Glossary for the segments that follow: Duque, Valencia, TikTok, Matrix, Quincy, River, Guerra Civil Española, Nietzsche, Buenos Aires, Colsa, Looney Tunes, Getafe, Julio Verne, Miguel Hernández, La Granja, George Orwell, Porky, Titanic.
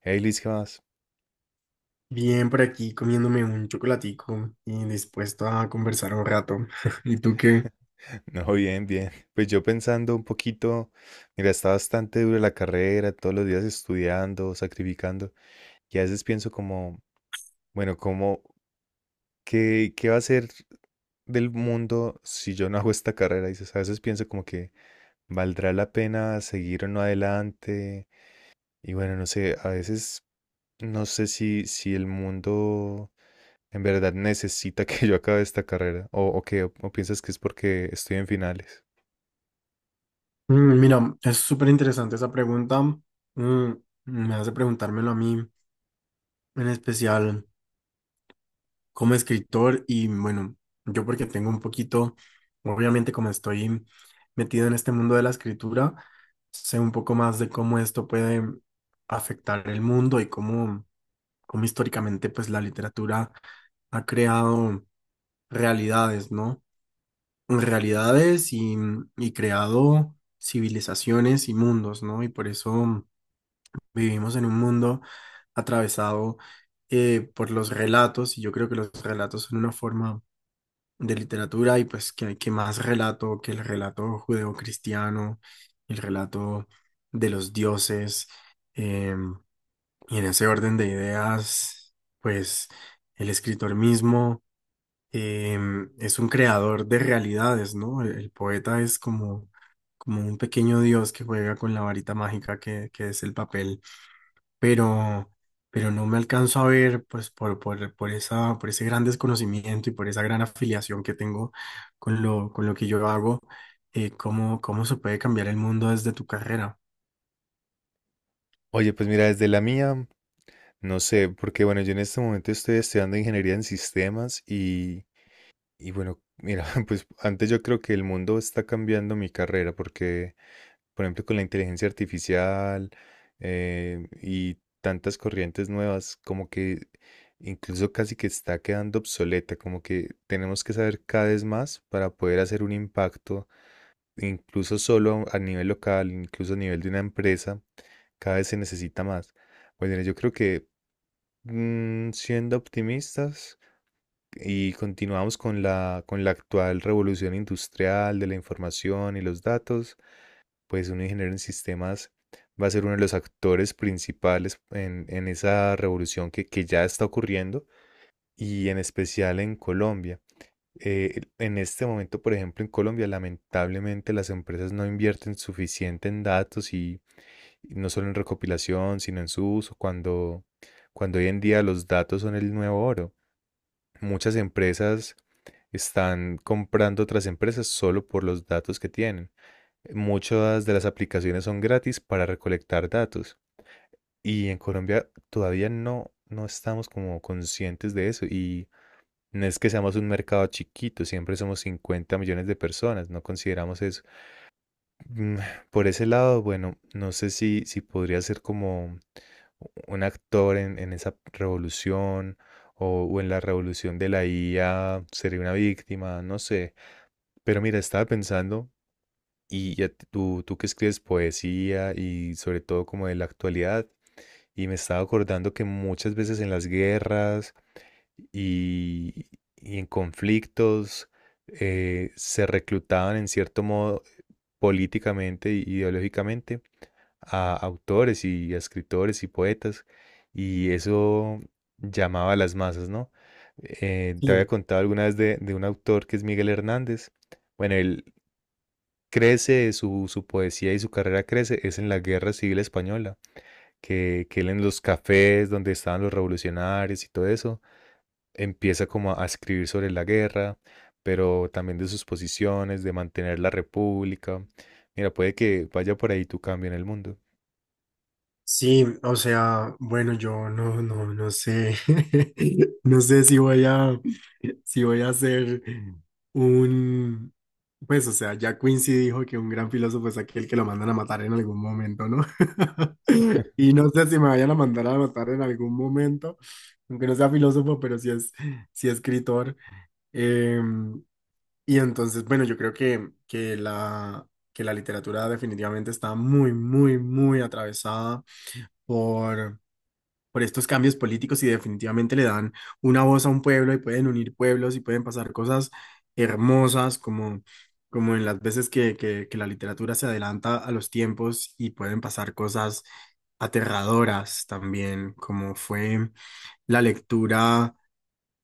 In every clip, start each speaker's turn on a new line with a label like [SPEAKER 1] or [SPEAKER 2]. [SPEAKER 1] Hey Liz, ¿qué más?
[SPEAKER 2] Bien, por aquí comiéndome un chocolatico y dispuesto a conversar un rato. ¿Y tú qué?
[SPEAKER 1] No, bien, bien. Pues yo pensando un poquito, mira, está bastante dura la carrera, todos los días estudiando, sacrificando, y a veces pienso como, bueno, como, ¿qué va a ser del mundo si yo no hago esta carrera? Dices, a veces pienso como que valdrá la pena seguir o no adelante, y bueno, no sé, a veces no sé si el mundo en verdad necesita que yo acabe esta carrera, o qué, o piensas que es porque estoy en finales.
[SPEAKER 2] Mm, mira, es súper interesante esa pregunta. Mm, Me hace preguntármelo a mí, en especial como escritor y bueno, yo porque tengo un poquito, obviamente como estoy metido en este mundo de la escritura, sé un poco más de cómo esto puede afectar el mundo y cómo históricamente pues la literatura ha creado realidades, ¿no? realidades y, y creado civilizaciones y mundos, ¿no? Y por eso vivimos en un mundo atravesado por los relatos, y yo creo que los relatos son una forma de literatura, y pues hay que más relato que el relato judeocristiano, el relato de los dioses. em, y en ese orden de ideas, pues el escritor mismo es un creador de realidades, ¿no? El poeta es como un pequeño dios que juega con la varita mágica que es el papel, pero, pero no me alcanzo a ver, pues, por esa, por ese gran desconocimiento y por esa gran afiliación que tengo con lo que yo hago, cómo se puede cambiar el mundo desde tu carrera.
[SPEAKER 1] Oye, pues mira, desde la mía, no sé, porque bueno, yo en este momento estoy estudiando ingeniería en sistemas y bueno, mira, pues antes yo creo que el mundo está cambiando mi carrera porque, por ejemplo, con la inteligencia artificial y tantas corrientes nuevas, como que incluso casi que está quedando obsoleta, como que tenemos que saber cada vez más para poder hacer un impacto, incluso solo a nivel local, incluso a nivel de una empresa. Cada vez se necesita más. Bueno, yo creo que siendo optimistas y continuamos con la actual revolución industrial de la información y los datos, pues un ingeniero en sistemas va a ser uno de los actores principales en esa revolución que ya está ocurriendo y en especial en Colombia. En este momento, por ejemplo, en Colombia, lamentablemente las empresas no invierten suficiente en datos y no solo en recopilación, sino en su uso, cuando, cuando hoy en día los datos son el nuevo oro. Muchas empresas están comprando otras empresas solo por los datos que tienen. Muchas de las aplicaciones son gratis para recolectar datos y en Colombia todavía no, no estamos como conscientes de eso y no es que seamos un mercado chiquito, siempre somos 50 millones de personas, no consideramos eso. Mm, Por ese lado, bueno, no sé si podría ser como un actor en esa revolución o en la revolución de la IA sería una víctima, no sé. Pero mira, estaba pensando, y ya tú que escribes poesía y sobre todo como de la actualidad, y me estaba acordando que muchas veces en las guerras y, y en conflictos se reclutaban en cierto modo políticamente y ideológicamente a autores y a escritores y poetas, y eso llamaba a las masas, ¿no? Te
[SPEAKER 2] Sí.
[SPEAKER 1] había contado alguna vez de un autor que es Miguel Hernández. Bueno, él crece, su poesía y su carrera crece, es en la Guerra Civil Española, que él en los cafés donde estaban los revolucionarios y todo eso, empieza como a escribir sobre la guerra, pero también de sus posiciones, de mantener la república. Mira, puede que vaya por ahí tu cambio en el mundo.
[SPEAKER 2] Sí, o sea, bueno, yo no sé, no sé si voy si voy a hacer un, pues, o sea, ya Quincy dijo que un gran filósofo es aquel que lo mandan a matar en algún momento, ¿no? Y no sé si me vayan a mandar a matar en algún momento, aunque no sea filósofo, pero sí sí escritor. Em, y entonces, bueno, yo creo que que la literatura definitivamente está muy, muy, muy atravesada por, por estos cambios políticos, y definitivamente le dan una voz a un pueblo y pueden unir pueblos y pueden pasar cosas hermosas como en las veces que la literatura se adelanta a los tiempos, y pueden pasar cosas aterradoras también, como fue la lectura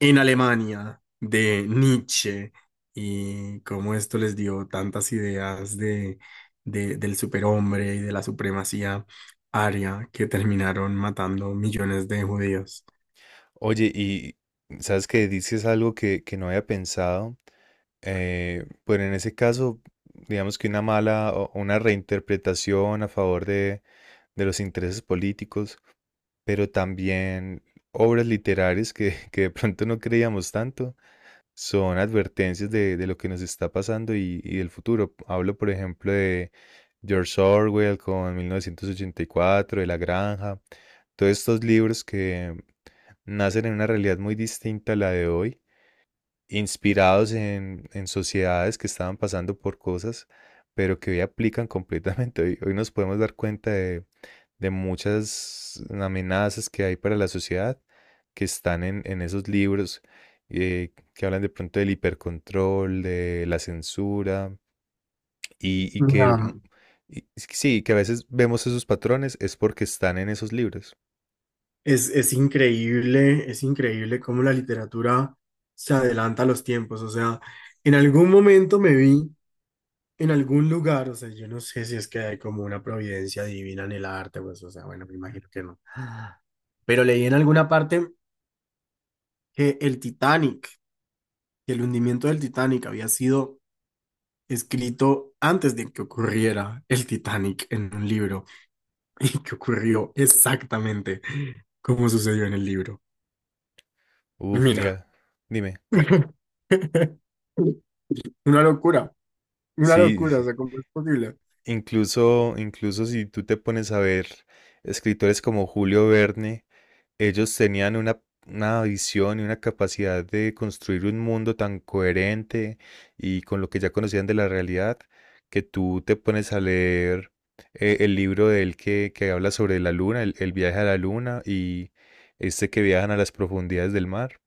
[SPEAKER 2] en Alemania de Nietzsche y cómo esto les dio tantas ideas del superhombre y de la supremacía aria, que terminaron matando millones de judíos.
[SPEAKER 1] Oye, y sabes que dices algo que no había pensado, pero en ese caso, digamos que una mala o una reinterpretación a favor de los intereses políticos, pero también obras literarias que, que de pronto no creíamos tanto, son advertencias de lo que nos está pasando y del futuro. Hablo, por ejemplo, de George Orwell con 1984 de La Granja, todos estos libros que nacen en una realidad muy distinta a la de hoy, inspirados en sociedades que estaban pasando por cosas, pero que hoy aplican completamente. Hoy, hoy nos podemos dar cuenta de muchas amenazas que hay para la sociedad que están en esos libros que hablan de pronto del hipercontrol, de la censura y que
[SPEAKER 2] La-
[SPEAKER 1] y sí, que a veces vemos esos patrones es porque están en esos libros.
[SPEAKER 2] es, es increíble cómo la literatura se adelanta a los tiempos. O sea, en algún momento me vi en algún lugar. O sea, yo no sé si es que hay como una providencia divina en el arte, pues, o sea, bueno, me imagino que no. Pero leí en alguna parte que el Titanic, que el hundimiento del Titanic había sido escrito antes de que ocurriera el Titanic en un libro, y que ocurrió exactamente como sucedió en el libro.
[SPEAKER 1] Uf,
[SPEAKER 2] Mira,
[SPEAKER 1] mira, dime.
[SPEAKER 2] una locura, una
[SPEAKER 1] Sí,
[SPEAKER 2] locura. O
[SPEAKER 1] sí.
[SPEAKER 2] sea, ¿cómo es posible?
[SPEAKER 1] Incluso, incluso si tú te pones a ver escritores como Julio Verne, ellos tenían una visión y una capacidad de construir un mundo tan coherente y con lo que ya conocían de la realidad, que tú te pones a leer el libro de él que habla sobre la luna, el viaje a la luna y este que viajan a las profundidades del mar.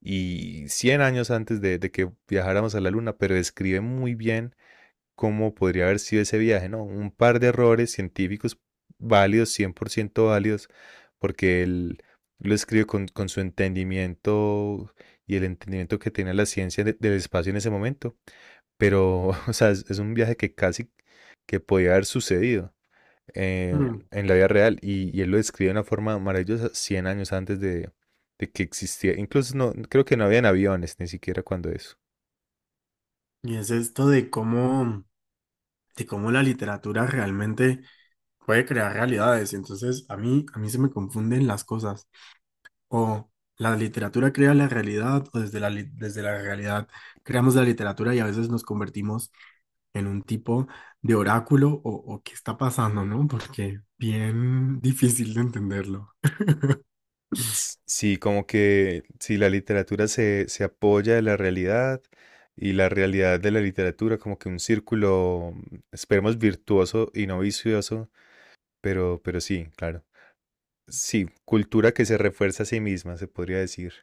[SPEAKER 1] Y 100 años antes de que viajáramos a la luna, pero describe muy bien cómo podría haber sido ese viaje, ¿no? Un par de errores científicos válidos, 100% válidos, porque él lo escribe con su entendimiento y el entendimiento que tenía la ciencia del espacio en ese momento. Pero, o sea, es un viaje que casi que podía haber sucedido eh,
[SPEAKER 2] Mm.
[SPEAKER 1] en la vida real y él lo describe de una forma maravillosa 100 años antes de que existiera. Incluso no, creo que no habían aviones ni siquiera cuando eso.
[SPEAKER 2] Y es esto de de cómo la literatura realmente puede crear realidades. Y entonces a mí se me confunden las cosas. O la literatura crea la realidad, o desde desde la realidad creamos la literatura, y a veces nos convertimos en un tipo de oráculo o qué está pasando, ¿no? Porque bien difícil de entenderlo.
[SPEAKER 1] Sí, como que si la literatura se, se apoya de la realidad y la realidad de la literatura, como que un círculo, esperemos, virtuoso y no vicioso, pero sí, claro. Sí, cultura que se refuerza a sí misma, se podría decir.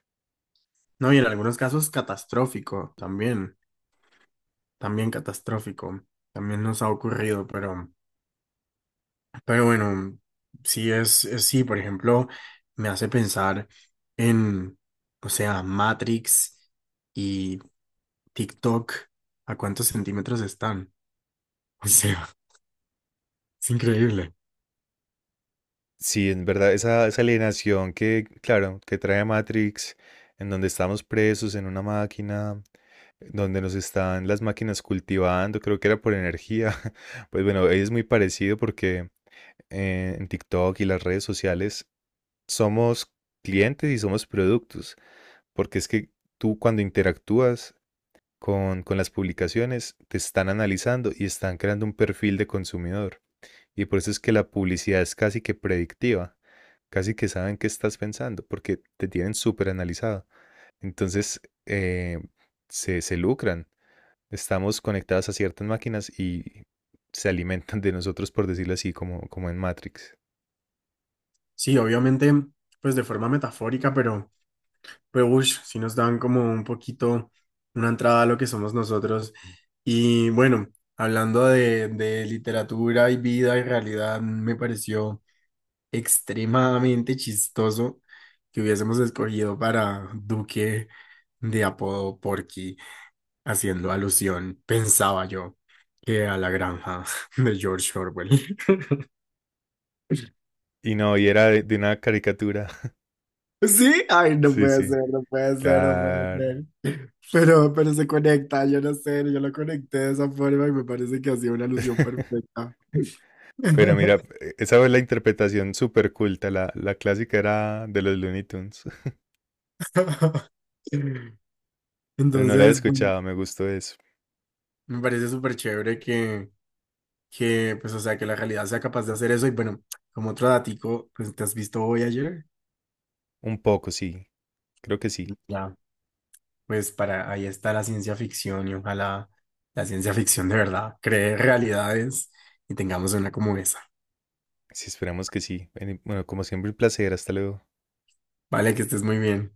[SPEAKER 2] No, y en algunos casos catastrófico también, también catastrófico, también nos ha ocurrido, pero bueno, sí sí, por ejemplo, me hace pensar en, o sea, Matrix y TikTok, ¿a cuántos centímetros están? O sea, es increíble.
[SPEAKER 1] Sí, en verdad, esa alienación que, claro, que trae Matrix, en donde estamos presos en una máquina, donde nos están las máquinas cultivando, creo que era por energía. Pues bueno, ahí es muy parecido porque en TikTok y las redes sociales, somos clientes y somos productos, porque es que tú cuando interactúas con las publicaciones, te están analizando y están creando un perfil de consumidor. Y por eso es que la publicidad es casi que predictiva, casi que saben qué estás pensando, porque te tienen súper analizado. Entonces, se, se lucran. Estamos conectados a ciertas máquinas y se alimentan de nosotros, por decirlo así, como, como en Matrix.
[SPEAKER 2] Sí, obviamente, pues de forma metafórica, pero ush, sí nos dan como un poquito una entrada a lo que somos nosotros. Y bueno, hablando de literatura y vida y realidad, me pareció extremadamente chistoso que hubiésemos escogido para Duque de apodo Porky, haciendo alusión, pensaba yo, que a la granja de George Orwell.
[SPEAKER 1] Y no, y era de una caricatura.
[SPEAKER 2] Sí, ay, no
[SPEAKER 1] Sí,
[SPEAKER 2] puede
[SPEAKER 1] sí,
[SPEAKER 2] ser, no puede ser, no puede
[SPEAKER 1] claro.
[SPEAKER 2] ser. Pero se conecta, yo no sé, yo lo conecté de esa forma y me parece que hacía una alusión perfecta.
[SPEAKER 1] Bueno, mira, esa fue la interpretación súper culta. La clásica era de los Looney Tunes. Pero no la he
[SPEAKER 2] Entonces, bueno,
[SPEAKER 1] escuchado, me gustó eso.
[SPEAKER 2] me parece súper chévere pues, o sea, que la realidad sea capaz de hacer eso. Y bueno, como otro datico, pues, ¿te has visto hoy ayer?
[SPEAKER 1] Un poco, sí. Creo que sí.
[SPEAKER 2] Ya, pues para ahí está la ciencia ficción, y ojalá la ciencia ficción de verdad cree realidades y tengamos una como esa.
[SPEAKER 1] Sí, esperamos que sí. Bueno, bueno, como siempre, un placer. Hasta luego.
[SPEAKER 2] Vale, que estés muy bien.